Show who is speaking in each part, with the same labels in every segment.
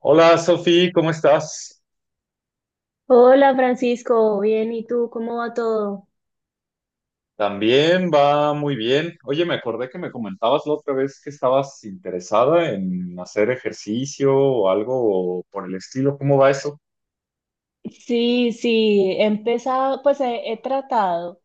Speaker 1: Hola Sofi, ¿cómo estás?
Speaker 2: Hola Francisco, bien, ¿y tú cómo va todo?
Speaker 1: También va muy bien. Oye, me acordé que me comentabas la otra vez que estabas interesada en hacer ejercicio o algo por el estilo. ¿Cómo va eso?
Speaker 2: Sí, sí, he empezado, pues he tratado,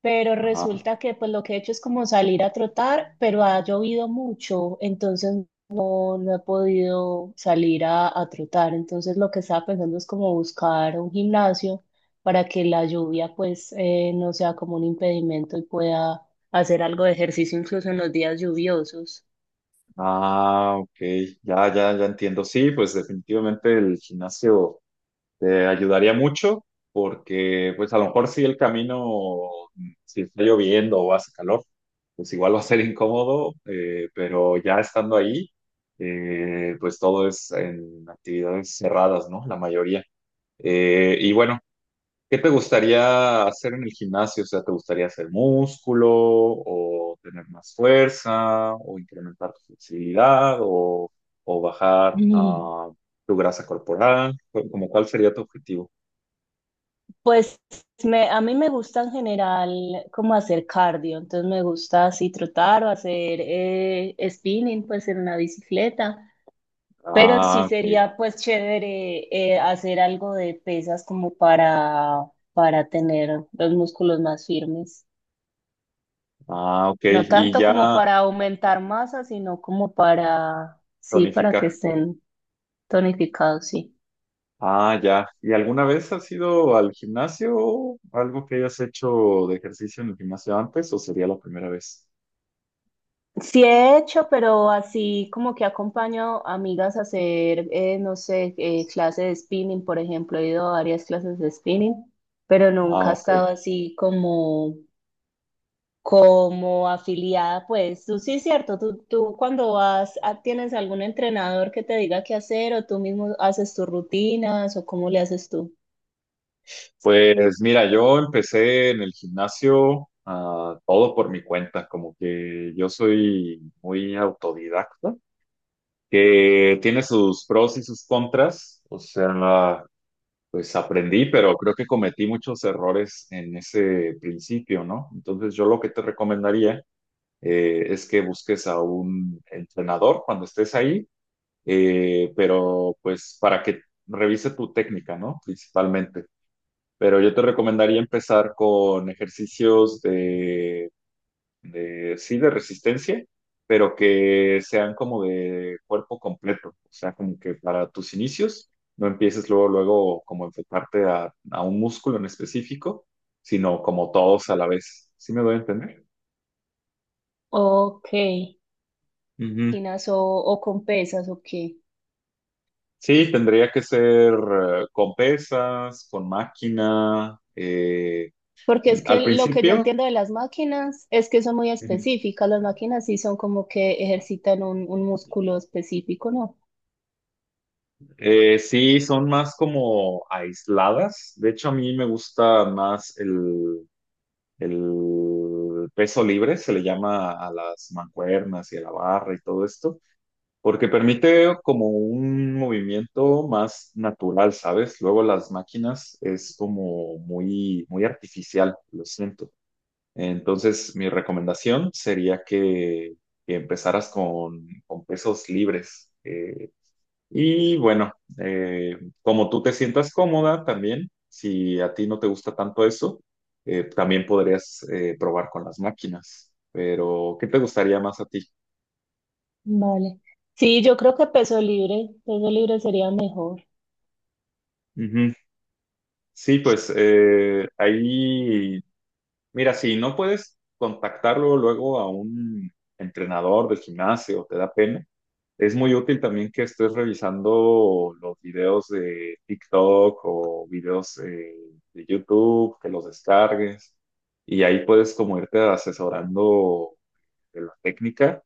Speaker 2: pero
Speaker 1: Ajá.
Speaker 2: resulta que pues lo que he hecho es como salir a trotar, pero ha llovido mucho, entonces no, no he podido salir a trotar. Entonces lo que estaba pensando es como buscar un gimnasio para que la lluvia pues no sea como un impedimento y pueda hacer algo de ejercicio incluso en los días lluviosos.
Speaker 1: Ah, ok. Ya, ya, ya entiendo. Sí, pues definitivamente el gimnasio. Te ayudaría mucho porque, pues, a lo mejor si el camino, si está lloviendo o hace calor, pues igual va a ser incómodo, pero ya estando ahí, pues todo es en actividades cerradas, ¿no? La mayoría. Y bueno, ¿Qué te gustaría hacer en el gimnasio? O sea, ¿te gustaría hacer músculo o tener más fuerza o incrementar tu flexibilidad o bajar,
Speaker 2: Mm.
Speaker 1: tu grasa corporal? ¿Como cuál sería tu objetivo?
Speaker 2: Pues a mí me gusta en general como hacer cardio, entonces me gusta así trotar o hacer spinning pues en una bicicleta, pero sí
Speaker 1: Ah, ok.
Speaker 2: sería pues chévere hacer algo de pesas como para tener los músculos más firmes,
Speaker 1: Ah, ok.
Speaker 2: no
Speaker 1: Y
Speaker 2: tanto como
Speaker 1: ya
Speaker 2: para aumentar masa, sino como para, sí, para que
Speaker 1: tonificar.
Speaker 2: estén tonificados, sí.
Speaker 1: Ah, ya. ¿Y alguna vez has ido al gimnasio? ¿Algo que hayas hecho de ejercicio en el gimnasio antes o sería la primera vez?
Speaker 2: Sí he hecho, pero así como que acompaño a amigas a hacer, no sé, clases de spinning, por ejemplo, he ido a varias clases de spinning, pero
Speaker 1: Ah,
Speaker 2: nunca he
Speaker 1: ok.
Speaker 2: estado así como, como afiliada, pues tú sí es cierto, tú cuando vas, ¿tienes algún entrenador que te diga qué hacer o tú mismo haces tus rutinas o cómo le haces tú?
Speaker 1: Pues mira, yo empecé en el gimnasio todo por mi cuenta, como que yo soy muy autodidacta, que tiene sus pros y sus contras. O sea, pues aprendí, pero creo que cometí muchos errores en ese principio, ¿no? Entonces yo lo que te recomendaría es que busques a un entrenador cuando estés ahí, pero pues para que revise tu técnica, ¿no? Principalmente. Pero yo te recomendaría empezar con ejercicios de, sí, de resistencia, pero que sean como de cuerpo completo. O sea, como que para tus inicios no empieces luego, luego como enfocarte a un músculo en específico, sino como todos a la vez. ¿Sí me doy a entender?
Speaker 2: Ok,
Speaker 1: Ujú.
Speaker 2: rutinas o con pesas o qué.
Speaker 1: Sí, tendría que ser con pesas, con máquina,
Speaker 2: Porque es
Speaker 1: al
Speaker 2: que lo que yo
Speaker 1: principio.
Speaker 2: entiendo de las máquinas es que son muy
Speaker 1: Ujú.
Speaker 2: específicas. Las máquinas sí son como que ejercitan un músculo específico, ¿no?
Speaker 1: Sí, son más como aisladas. De hecho, a mí me gusta más el peso libre se le llama a las mancuernas y a la barra y todo esto, porque permite como un movimiento más natural, ¿sabes? Luego las máquinas es como muy, muy artificial, lo siento. Entonces, mi recomendación sería que empezaras con pesos libres. Y bueno, eh, como tú te sientas cómoda también, si a ti no te gusta tanto eso, también podrías probar con las máquinas. Pero, ¿qué te gustaría más a ti?
Speaker 2: Vale. Sí, yo creo que peso libre sería mejor,
Speaker 1: Ujú. Sí, pues ahí. Mira, si no puedes contactarlo luego a un entrenador del gimnasio, te da pena. Es muy útil también que estés revisando los videos de TikTok o videos de YouTube, que los descargues y ahí puedes como irte asesorando de la técnica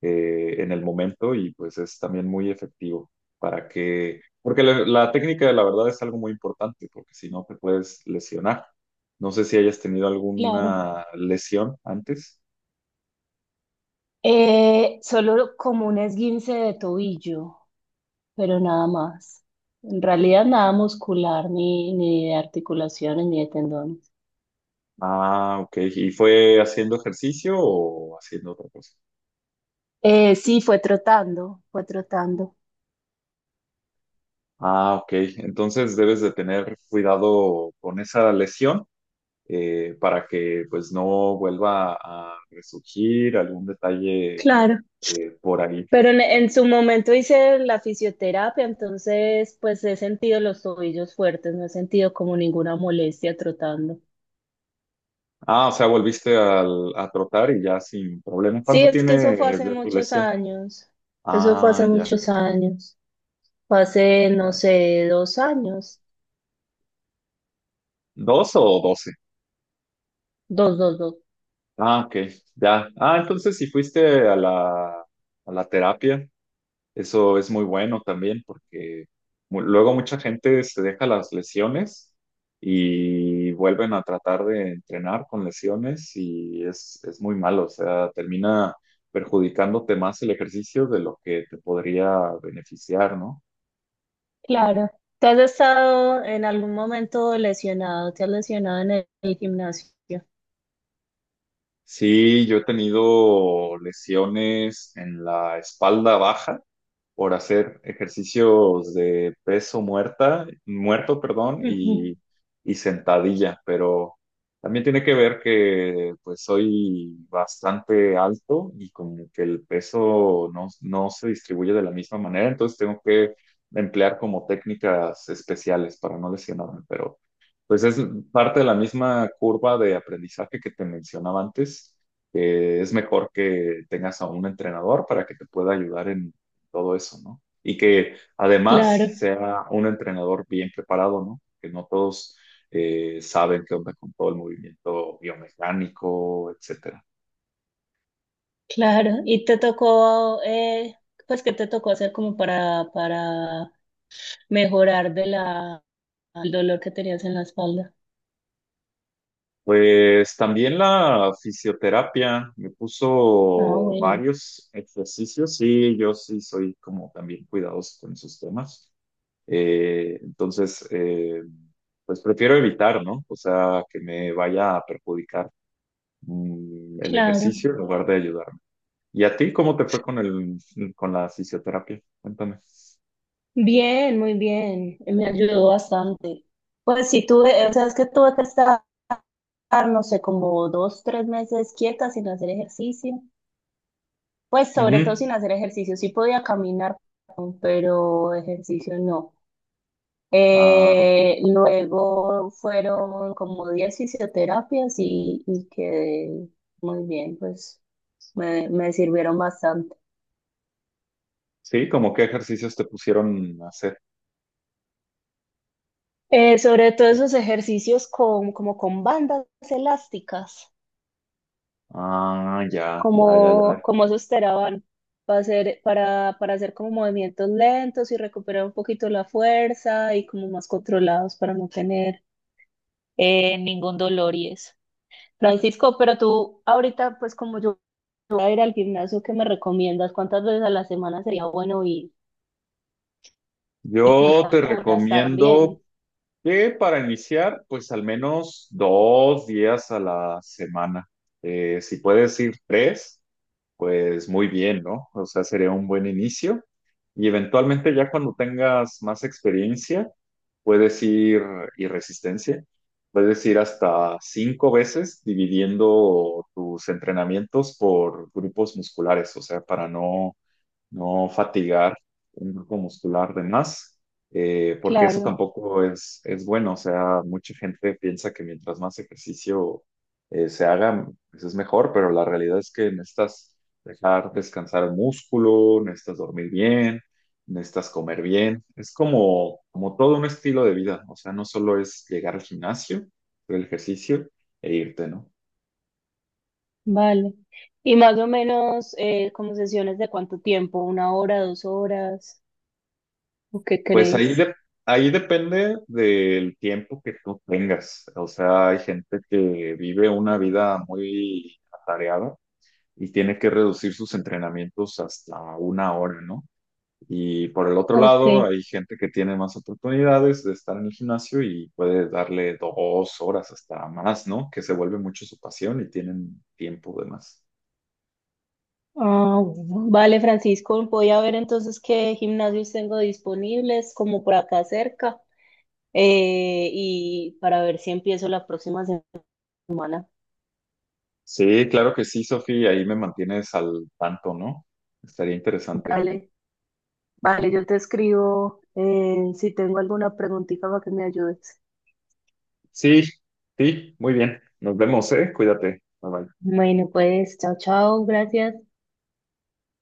Speaker 1: en el momento y pues es también muy efectivo porque la técnica la verdad es algo muy importante porque si no te puedes lesionar. No sé si hayas tenido
Speaker 2: claro.
Speaker 1: alguna lesión antes.
Speaker 2: Solo como un esguince de tobillo, pero nada más. En realidad nada muscular, ni de articulaciones, ni de tendones.
Speaker 1: Ah, ok. ¿Y fue haciendo ejercicio o haciendo otra cosa?
Speaker 2: Sí, fue trotando.
Speaker 1: Ah, ok. Entonces debes de tener cuidado con esa lesión para que pues no vuelva a resurgir algún detalle
Speaker 2: Claro.
Speaker 1: por ahí.
Speaker 2: Pero en su momento hice la fisioterapia, entonces pues he sentido los tobillos fuertes, no he sentido como ninguna molestia trotando.
Speaker 1: Ah, o sea, volviste a trotar y ya sin problema.
Speaker 2: Sí,
Speaker 1: ¿Cuánto
Speaker 2: es que
Speaker 1: tiene
Speaker 2: eso fue hace
Speaker 1: de tu
Speaker 2: muchos
Speaker 1: lesión?
Speaker 2: años, eso fue hace
Speaker 1: Ah, ya,
Speaker 2: muchos años, fue hace, no
Speaker 1: ya.
Speaker 2: sé, dos años,
Speaker 1: ¿Dos o doce?
Speaker 2: dos, dos, dos.
Speaker 1: Ah, ok, ya. Ah, entonces si fuiste a la terapia, eso es muy bueno también porque luego mucha gente se deja las lesiones y vuelven a tratar de entrenar con lesiones y es muy malo, o sea, termina perjudicándote más el ejercicio de lo que te podría beneficiar, ¿no?
Speaker 2: Claro. ¿Tú has estado en algún momento lesionado? ¿Te has lesionado en el gimnasio?
Speaker 1: Sí, yo he tenido lesiones en la espalda baja por hacer ejercicios de peso muerto, perdón,
Speaker 2: Ujú.
Speaker 1: y sentadilla, pero también tiene que ver que pues soy bastante alto y como que el peso no se distribuye de la misma manera, entonces tengo que emplear como técnicas especiales para no lesionarme, pero pues es parte de la misma curva de aprendizaje que te mencionaba antes. Que es mejor que tengas a un entrenador para que te pueda ayudar en todo eso, ¿no? Y que además
Speaker 2: Claro,
Speaker 1: sea un entrenador bien preparado, ¿no? Que no todos saben qué onda con todo el movimiento biomecánico, etcétera.
Speaker 2: claro. ¿Y te tocó, pues qué te tocó hacer como para mejorar de la, el dolor que tenías en la espalda.
Speaker 1: Pues también la fisioterapia me
Speaker 2: Ah,
Speaker 1: puso
Speaker 2: bueno,
Speaker 1: varios ejercicios y yo sí soy como también cuidadoso con esos temas. Entonces, pues prefiero evitar, ¿no? O sea, que me vaya a perjudicar, el
Speaker 2: claro.
Speaker 1: ejercicio en lugar de ayudarme. ¿Y a ti cómo te fue con la fisioterapia? Cuéntame.
Speaker 2: Bien, muy bien. Me ayudó bastante. Pues sí, tuve, o sea, es que tuve que estar, no sé, como dos, tres meses quieta sin hacer ejercicio. Pues sobre todo
Speaker 1: Ujú.
Speaker 2: sin hacer ejercicio. Sí podía caminar, pero ejercicio no.
Speaker 1: Ah, ok.
Speaker 2: Luego fueron como 10 fisioterapias y quedé muy bien, me sirvieron bastante.
Speaker 1: Sí. ¿Como qué ejercicios te pusieron a hacer?
Speaker 2: Sobre todo esos ejercicios con, como con bandas elásticas,
Speaker 1: Ah, ya, ya, ya,
Speaker 2: como,
Speaker 1: ya.
Speaker 2: como esos teraban, para hacer como movimientos lentos y recuperar un poquito la fuerza y como más controlados para no tener ningún dolor y eso. Francisco, pero tú ahorita, pues como yo voy a ir al gimnasio, ¿qué me recomiendas? ¿Cuántas veces a la semana sería bueno y
Speaker 1: Yo
Speaker 2: cuántas
Speaker 1: te
Speaker 2: horas
Speaker 1: recomiendo
Speaker 2: también?
Speaker 1: que para iniciar, pues al menos 2 días a la semana. Si puedes ir tres, pues muy bien, ¿no? O sea, sería un buen inicio. Y eventualmente ya cuando tengas más experiencia, puedes ir, y resistencia, puedes ir hasta 5 veces dividiendo tus entrenamientos por grupos musculares, o sea, para no no fatigar un grupo muscular de más, porque eso
Speaker 2: Claro.
Speaker 1: tampoco es bueno. O sea, mucha gente piensa que mientras más ejercicio se haga, pues es mejor, pero la realidad es que necesitas dejar descansar el músculo, necesitas dormir bien, necesitas comer bien. Es como todo un estilo de vida. O sea, no solo es llegar al gimnasio, hacer el ejercicio e irte, ¿no?
Speaker 2: Vale. Y más o menos, como sesiones de cuánto tiempo, una hora, dos horas, ¿o qué
Speaker 1: Pues ahí,
Speaker 2: crees?
Speaker 1: ahí depende del tiempo que tú tengas. O sea, hay gente que vive una vida muy atareada y tiene que reducir sus entrenamientos hasta 1 hora, ¿no? Y por el otro
Speaker 2: Ok.
Speaker 1: lado, hay gente que tiene más oportunidades de estar en el gimnasio y puede darle 2 horas hasta más, ¿no? Que se vuelve mucho su pasión y tienen tiempo de más.
Speaker 2: Ah, bueno. Vale, Francisco, voy a ver entonces qué gimnasios tengo disponibles, como por acá cerca, y para ver si empiezo la próxima semana.
Speaker 1: Sí, claro que sí, Sofía, ahí me mantienes al tanto, ¿no? Estaría interesante.
Speaker 2: Vale, vale, yo te escribo si tengo alguna preguntita para que me ayudes.
Speaker 1: Sí, sí, muy bien. Nos vemos, ¿eh? Cuídate. Bye bye.
Speaker 2: Bueno, pues, chao, chao, gracias.